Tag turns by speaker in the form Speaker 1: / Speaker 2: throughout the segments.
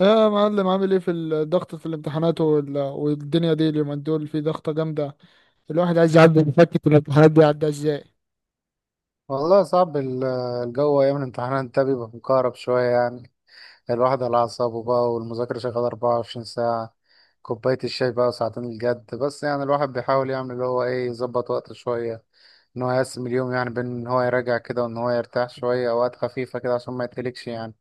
Speaker 1: يا معلم، عامل ايه في الضغط في الامتحانات والدنيا دي؟ اليومين دول في ضغطة جامدة. الواحد عايز يعدي، يفكك الامتحانات دي يعدي ازاي؟
Speaker 2: والله صعب الجو أيام الامتحانات ده بيبقى مكهرب شوية يعني. الواحد على أعصابه بقى والمذاكرة شغالة 24 ساعة، كوباية الشاي بقى وساعتين الجد بس. يعني الواحد بيحاول يعمل اللي هو إيه يظبط وقته شوية، إن هو يقسم اليوم يعني بين إن هو يراجع كده وإن هو يرتاح شوية أوقات خفيفة كده عشان ما يتهلكش يعني.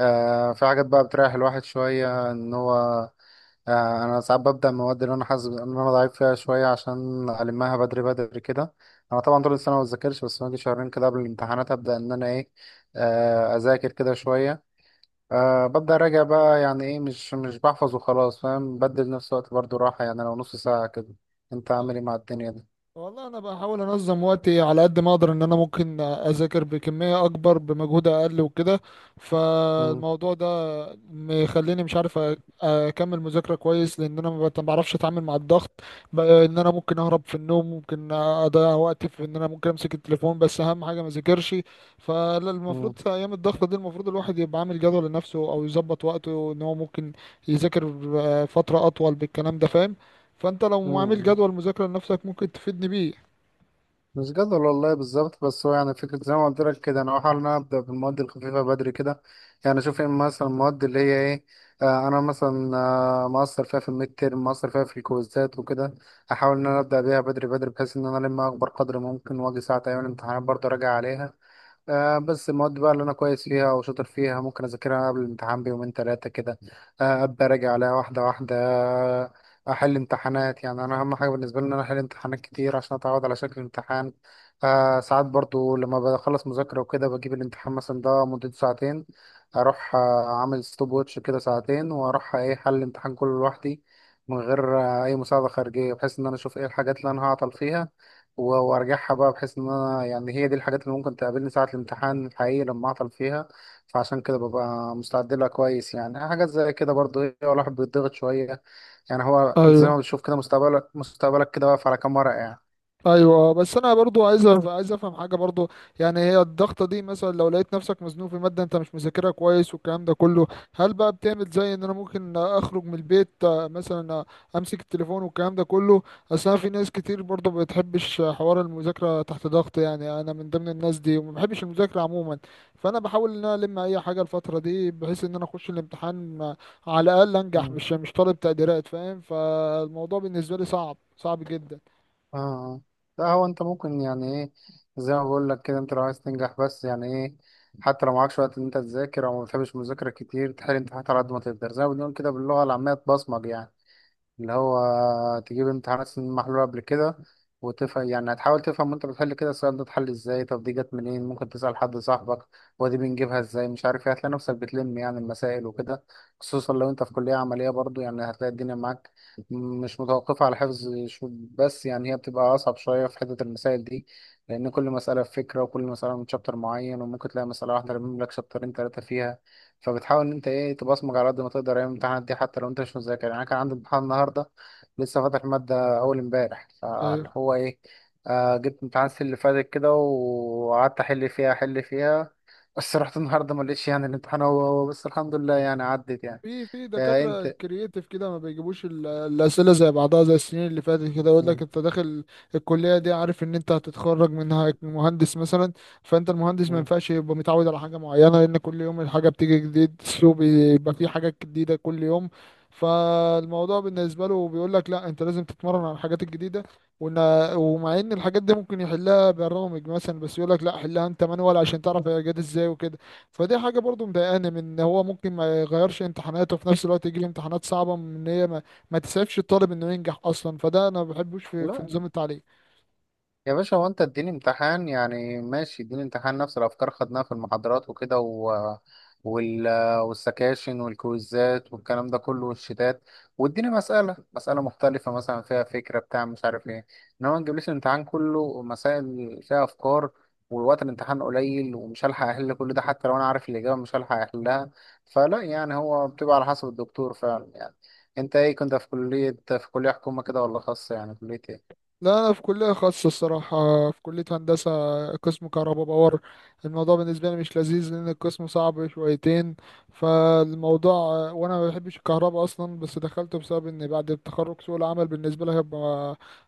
Speaker 2: في حاجات بقى بتريح الواحد شوية ان هو. انا ساعات ببدأ المواد اللي انا حاسس ان انا ضعيف فيها شوية عشان المها بدري بدري كده. انا طبعا طول السنة ما بذاكرش، بس باجي شهرين كده قبل الامتحانات ابدأ ان انا ايه. اذاكر كده شوية. ببدأ اراجع بقى يعني ايه، مش بحفظ وخلاص فاهم، بدل نفس الوقت برضو راحة يعني لو نص ساعة كده. انت عامل ايه مع الدنيا دي؟
Speaker 1: والله انا بحاول انظم وقتي على قد ما اقدر، ان انا ممكن اذاكر بكميه اكبر بمجهود اقل وكده.
Speaker 2: مم،
Speaker 1: فالموضوع ده مخليني مش عارف اكمل مذاكره كويس، لان انا ما بعرفش اتعامل مع الضغط. ان انا ممكن اهرب في النوم، ممكن اضيع وقتي في ان انا ممكن امسك التليفون، بس اهم حاجه ما اذاكرش. فالمفروض
Speaker 2: مم،
Speaker 1: في ايام الضغط دي المفروض الواحد يبقى عامل جدول لنفسه، او يظبط وقته ان هو ممكن يذاكر فتره اطول بالكلام ده، فاهم؟ فانت لو عامل
Speaker 2: مم.
Speaker 1: جدول مذاكرة لنفسك ممكن تفيدني بيه.
Speaker 2: مش جدول والله بالظبط، بس هو يعني فكرة زي ما قلت لك كده، أنا بحاول إن أنا أبدأ بالمواد الخفيفة بدري كده. يعني أشوف إيه مثلا المواد اللي هي إيه. أنا مثلا مقصر فيها في الميد تيرم، مقصر فيها في الكويزات وكده. أحاول إن أنا أبدأ بيها بدري بدري بحيث إن أنا ألم أكبر قدر ممكن، وأجي ساعة أيام الامتحانات برضه أراجع عليها. بس المواد بقى اللي انا كويس فيها وشاطر فيها ممكن اذاكرها قبل الامتحان بيومين ثلاثه كده. ابدا اراجع عليها واحده واحده. آه، احل امتحانات. يعني انا اهم حاجه بالنسبه لي ان انا احل امتحانات كتير عشان اتعود على شكل الامتحان. ساعات برضو لما بخلص مذاكره وكده بجيب الامتحان مثلا، ده مدته ساعتين. اروح اعمل ستوب ووتش كده ساعتين واروح ايه، حل الامتحان كله لوحدي من غير اي مساعده خارجيه، بحيث ان انا اشوف ايه الحاجات اللي انا هعطل فيها وارجعها بقى، بحيث ان انا يعني هي دي الحاجات اللي ممكن تقابلني ساعة الامتحان الحقيقي لما اعطل فيها. فعشان كده ببقى مستعد لها كويس يعني. حاجات زي كده برضه ايه، الواحد بيتضغط شوية. يعني هو انت زي
Speaker 1: ايوه،
Speaker 2: ما بتشوف كده مستقبلك مستقبلك كده واقف على كام ورقة يعني.
Speaker 1: ايوه، بس انا برضو عايز عايز افهم حاجه برضو. يعني هي الضغطه دي مثلا لو لقيت نفسك مزنوق في ماده انت مش مذاكرها كويس والكلام ده كله، هل بقى بتعمل زي ان انا ممكن اخرج من البيت مثلا، امسك التليفون والكلام ده كله؟ اصل انا، في ناس كتير برضو ما بتحبش حوار المذاكره تحت ضغط، يعني انا من ضمن الناس دي وما بحبش المذاكره عموما. فانا بحاول ان انا الم اي حاجه الفتره دي بحيث ان انا اخش الامتحان، على الاقل انجح،
Speaker 2: مم.
Speaker 1: مش طالب تقديرات، فاهم؟ فالموضوع بالنسبه لي صعب، صعب جدا.
Speaker 2: اه. ده هو انت ممكن يعني ايه، زي ما بقول لك كده، انت لو عايز تنجح بس يعني ايه، حتى لو معكش وقت ان انت تذاكر او ما بتحبش المذاكرة كتير، تحل امتحانات على قد ما تقدر، زي ما بنقول كده باللغة العامية تبصمج يعني. اللي هو تجيب امتحانات سنين محلولة قبل كده وتفهم. يعني هتحاول تفهم وانت بتحل كده، السؤال ده اتحل ازاي، طب دي جت منين، ممكن تسأل حد صاحبك ودي بنجيبها ازاي مش عارف ايه. هتلاقي نفسك بتلم يعني المسائل وكده، خصوصا لو انت في كلية عملية. برضو يعني هتلاقي الدنيا معاك، مش متوقفة على حفظ بس. يعني هي بتبقى أصعب شوية في حتة المسائل دي، لأن كل مسألة في فكرة، وكل مسألة من شابتر معين، وممكن تلاقي مسألة واحدة رامم لك شابترين تلاتة فيها. فبتحاول إن أنت إيه، تبصمج على قد ما تقدر أيام الامتحانات دي، حتى لو أنت مش مذاكر. يعني أنا كان عندي امتحان النهاردة، لسه فاتح مادة أول امبارح، فاللي
Speaker 1: أيوة.
Speaker 2: هو إيه، جبت امتحان السنة اللي فاتت كده، وقعدت أحل فيها أحل فيها. بس رحت النهاردة ما لقيتش، يعني الامتحان هو هو، بس الحمد لله يعني عدت يعني.
Speaker 1: في في دكاترة
Speaker 2: أنت.
Speaker 1: كرييتيف كده ما بيجيبوش الأسئلة زي بعضها زي السنين اللي فاتت، كده يقول لك
Speaker 2: مم.
Speaker 1: أنت داخل الكلية دي عارف إن أنت هتتخرج منها مهندس مثلا. فأنت المهندس ما
Speaker 2: مم.
Speaker 1: ينفعش يبقى متعود على حاجة معينة، لأن كل يوم الحاجة بتيجي جديد، السوق بيبقى فيه حاجات جديدة كل يوم. فالموضوع بالنسبة له بيقول لك لا، أنت لازم تتمرن على الحاجات الجديدة. وإن ومع إن الحاجات دي ممكن يحلها برامج مثلا، بس يقول لك لا، حلها أنت مانوال عشان تعرف هي جت إزاي وكده. فدي حاجة برضو مضايقاني، من ان هو ممكن ما يغيرش امتحاناته وفي نفس الوقت يجي له امتحانات صعبة من ان هي ما تسعفش الطالب انه ينجح اصلا. فده انا ما بحبوش في
Speaker 2: لا
Speaker 1: نظام التعليم.
Speaker 2: يا باشا، هو انت اديني امتحان، يعني ماشي اديني امتحان نفس الافكار خدناها في المحاضرات وكده وال... والسكاشن والكويزات والكلام ده كله والشتات، واديني مسألة مسألة مختلفة مثلا فيها فكرة بتاع مش عارف ايه. انما ما تجيبليش الامتحان كله مسائل فيها افكار، والوقت الامتحان قليل ومش هلحق احل كل ده، حتى لو انا عارف الاجابة مش هلحق احلها. فلا يعني هو بتبقى على حسب الدكتور فعلا يعني. انت ايه، كنت في كلية حكومة كده ولا خاصة، يعني كلية ايه؟
Speaker 1: لا، انا في كليه خاصه الصراحه، في كليه هندسه، قسم كهرباء باور. الموضوع بالنسبه لي مش لذيذ لان القسم صعب شويتين. فالموضوع، وانا ما بحبش الكهرباء اصلا، بس دخلته بسبب ان بعد التخرج سوق العمل بالنسبه لي هيبقى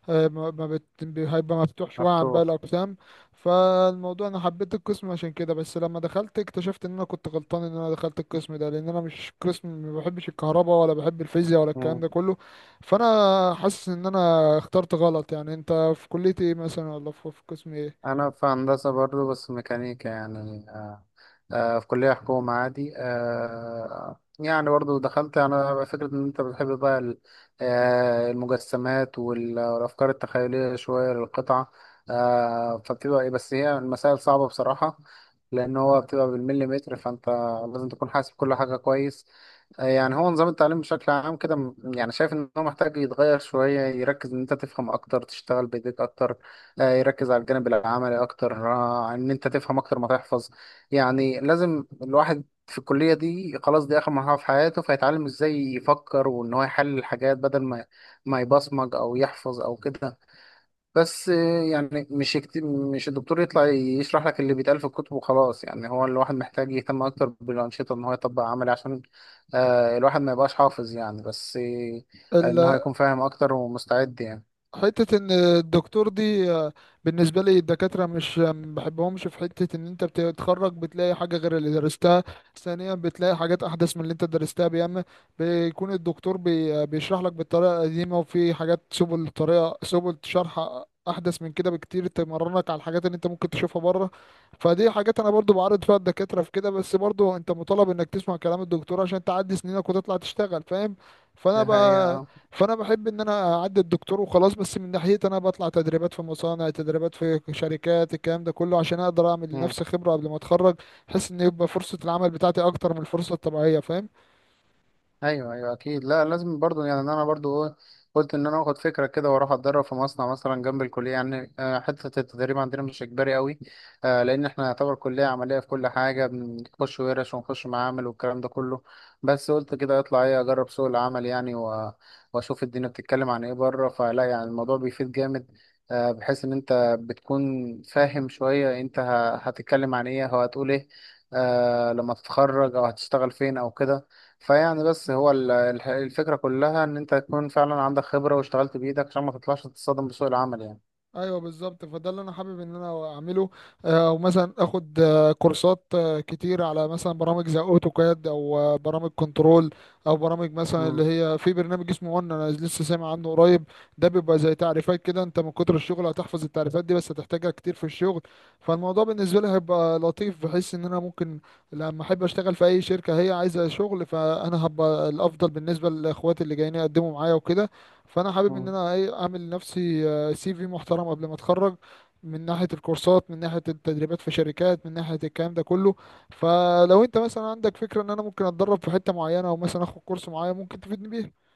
Speaker 1: آه، ما ما بت... هيبقى مفتوح شويه عن باقي
Speaker 2: مفتوح.
Speaker 1: الاقسام. فالموضوع انا حبيت القسم عشان كده، بس لما دخلت اكتشفت ان انا كنت غلطان ان انا دخلت القسم ده، لان انا مش قسم، ما بحبش الكهرباء ولا بحب الفيزياء ولا الكلام ده كله. فانا حاسس ان انا اخترت غلط. يعني انت في كلية ايه مثلا، ولا في في قسم ايه؟
Speaker 2: انا في هندسه برضو بس ميكانيكا يعني في كليه حكومه عادي. يعني برضو دخلت انا فكره ان انت بتحب بقى المجسمات والافكار التخيليه شويه للقطعه. فبتبقى ايه، بس هي المسائل صعبه بصراحه، لان هو بتبقى بالمليمتر، فانت لازم تكون حاسب كل حاجه كويس. يعني هو نظام التعليم بشكل عام كده يعني شايف ان هو محتاج يتغير شوية، يركز ان انت تفهم اكتر، تشتغل بايديك اكتر، يركز على الجانب العملي اكتر، ان انت تفهم اكتر ما تحفظ. يعني لازم الواحد في الكلية دي، خلاص دي اخر مرحلة في حياته، فيتعلم ازاي يفكر وان هو يحلل الحاجات، بدل ما يبصمج او يحفظ او كده. بس يعني مش الدكتور يطلع يشرح لك اللي بيتقال في الكتب وخلاص. يعني هو الواحد محتاج يهتم اكتر بالانشطه، ان هو يطبق عملي، عشان الواحد ما يبقاش حافظ يعني، بس ان هو
Speaker 1: ال-
Speaker 2: يكون فاهم اكتر ومستعد يعني.
Speaker 1: حتة ان الدكتور دي بالنسبة لي الدكاترة مش ما بحبهمش في حتة ان انت بتتخرج بتلاقي حاجة غير اللي درستها. ثانيا، بتلاقي حاجات احدث من اللي انت درستها. بيعمل بيكون الدكتور بي آه، بيشرح لك بالطريقة القديمة، وفي حاجات سبل، طريقة سبل شرح احدث من كده بكتير، تمرنك على الحاجات اللي انت ممكن تشوفها بره. فدي حاجات انا برضو بعرض فيها الدكاترة في كده، بس برضو انت مطالب انك تسمع كلام الدكتور عشان تعدي سنينك وتطلع تشتغل، فاهم؟ فانا
Speaker 2: دي
Speaker 1: بقى،
Speaker 2: حقيقه.
Speaker 1: فانا بحب ان انا اعدي الدكتور وخلاص، بس من ناحيتي انا بطلع تدريبات في مصانع، تدريبات في شركات، الكلام ده كله، عشان اقدر اعمل
Speaker 2: آه.
Speaker 1: لنفسي خبرة قبل ما اتخرج. بحيث ان يبقى فرصة العمل بتاعتي اكتر من الفرصة الطبيعية، فاهم؟
Speaker 2: ايوه ايوه اكيد. لا لازم برضو، يعني إن انا برضو ايه، قلت ان انا اخد فكره كده واروح اتدرب في مصنع مثلا جنب الكليه يعني. حته التدريب عندنا مش اجباري قوي، لان احنا يعتبر كليه عمليه في كل حاجه، بنخش ورش ونخش معامل والكلام ده كله. بس قلت كده اطلع ايه، اجرب سوق العمل يعني واشوف الدنيا بتتكلم عن ايه بره. فلا يعني الموضوع بيفيد جامد، بحيث ان انت بتكون فاهم شويه انت هتتكلم عن ايه او هتقول ايه لما تتخرج، او هتشتغل فين او كده. فيعني بس هو الفكرة كلها إن أنت تكون فعلا عندك خبرة واشتغلت بإيدك، عشان ما تطلعش تتصدم بسوق العمل يعني.
Speaker 1: ايوه بالظبط، فده اللي انا حابب ان انا اعمله. او مثلا اخد كورسات كتير على مثلا برامج زي اوتوكاد، او برامج كنترول، او برامج مثلا اللي
Speaker 2: مم.
Speaker 1: هي، في برنامج اسمه، وان انا لسه سامع عنه قريب. ده بيبقى زي تعريفات كده، انت من كتر الشغل هتحفظ التعريفات دي، بس هتحتاجها كتير في الشغل. فالموضوع بالنسبه لي هيبقى لطيف، بحيث ان انا ممكن لما احب اشتغل في اي شركه هي عايزه شغل، فانا هبقى الافضل بالنسبه لاخواتي اللي جايين يقدموا معايا وكده. فانا حابب ان
Speaker 2: مم.
Speaker 1: انا ايه اعمل لنفسي سي في محترم قبل ما اتخرج، من ناحية الكورسات، من ناحية التدريبات في شركات، من ناحية الكلام ده كله. فلو انت مثلا عندك فكرة ان انا ممكن اتدرب في حتة معينة، او مثلا اخد كورس معين، ممكن تفيدني بيه.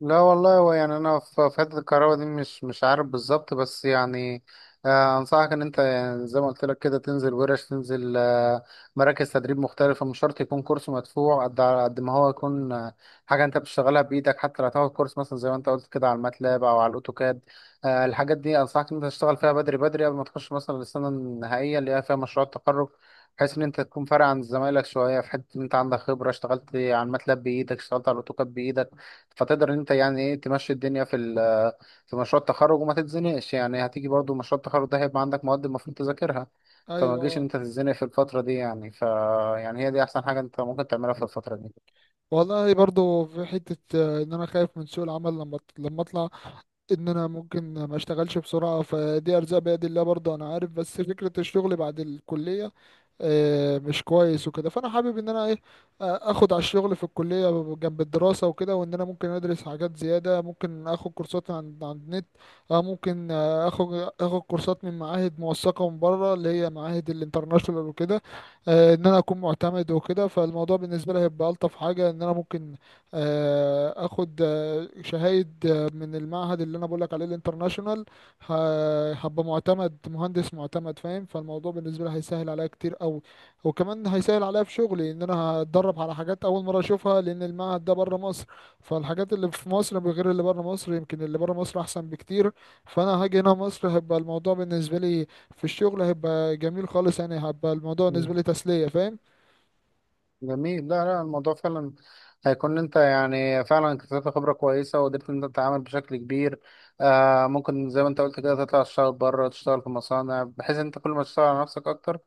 Speaker 2: لا والله، هو يعني انا في حته الكهرباء دي مش عارف بالظبط، بس يعني، انصحك ان انت، يعني زي ما قلت لك كده، تنزل ورش، تنزل مراكز تدريب مختلفه. مش شرط يكون كورس مدفوع، قد على قد ما هو يكون حاجه انت بتشتغلها بايدك، حتى لو هتاخد كورس مثلا، زي ما انت قلت كده، على الماتلاب او على الاوتوكاد. الحاجات دي انصحك ان انت تشتغل فيها بدري بدري قبل ما تخش مثلا السنه النهائيه اللي هي فيها مشروع التخرج، بحيث ان انت تكون فارق عن زمايلك شويه في حته ان انت عندك خبره، اشتغلت على الماتلاب بايدك، اشتغلت على الاوتوكاد بايدك، فتقدر ان انت يعني ايه تمشي الدنيا في في مشروع التخرج وما تتزنقش. يعني هتيجي برضو مشروع التخرج ده، هيبقى عندك مواد المفروض تذاكرها، فما
Speaker 1: ايوه،
Speaker 2: تجيش ان
Speaker 1: اه.
Speaker 2: انت تتزنق في الفترة دي يعني. يعني هي دي احسن حاجة انت ممكن تعملها في الفترة دي.
Speaker 1: والله برضو في حتة ان انا خايف من سوق العمل لما اطلع، ان انا ممكن ما اشتغلش بسرعة. فدي ارزاق بيد الله، برضو انا عارف، بس فكرة الشغل بعد الكلية مش كويس وكده. فانا حابب ان انا ايه، اخد على الشغل في الكليه جنب الدراسه وكده، وان انا ممكن ادرس حاجات زياده، ممكن اخد كورسات عن النت. ممكن اخد كورسات من معاهد موثقه من بره، اللي هي معاهد الانترناشونال وكده. ان انا اكون معتمد وكده. فالموضوع بالنسبه لي هيبقى الطف حاجه، ان انا ممكن اخد شهايد من المعهد اللي انا بقول لك عليه الانترناشونال. هبقى معتمد، مهندس معتمد، فاهم؟ فالموضوع بالنسبه لي هيسهل عليا كتير قوي. وكمان هيسهل عليا في شغلي، ان انا هتدرب على حاجات اول مره اشوفها، لان المعهد ده بره مصر. فالحاجات اللي في مصر غير اللي بره مصر، يمكن اللي بره مصر احسن بكتير. فانا هاجي هنا مصر هيبقى الموضوع بالنسبه لي في الشغل هيبقى جميل خالص، يعني هيبقى الموضوع بالنسبه
Speaker 2: مم.
Speaker 1: لي تسليه، فاهم؟
Speaker 2: جميل. لا لا، الموضوع فعلا هيكون، انت يعني فعلا اكتسبت خبرة كويسة، وقدرت ان انت تتعامل بشكل كبير. ممكن زي ما انت قلت كده، تطلع تشتغل بره، تشتغل في مصانع، بحيث ان انت كل ما تشتغل على نفسك اكتر،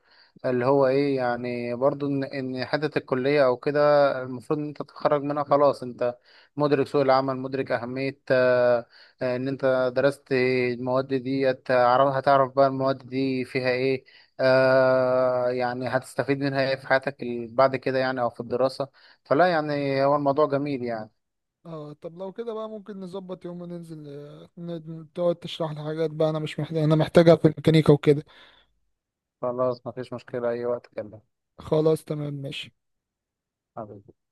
Speaker 2: اللي هو ايه يعني برضو ان حته الكليه او كده المفروض ان انت تتخرج منها، خلاص انت مدرك سوق العمل، مدرك اهميه ان انت درست المواد دي، هتعرف بقى المواد دي فيها ايه. يعني هتستفيد منها ايه في حياتك بعد كده يعني، او في الدراسه. فلا يعني هو الموضوع جميل يعني.
Speaker 1: اه، طب لو كده بقى ممكن نظبط يوم وننزل، تقعد تشرح لي حاجات بقى انا مش محتاج، انا محتاجها في الميكانيكا وكده.
Speaker 2: خلاص، مفيش مشكله، اي وقت كلمني.
Speaker 1: خلاص تمام، ماشي.
Speaker 2: حبيبي.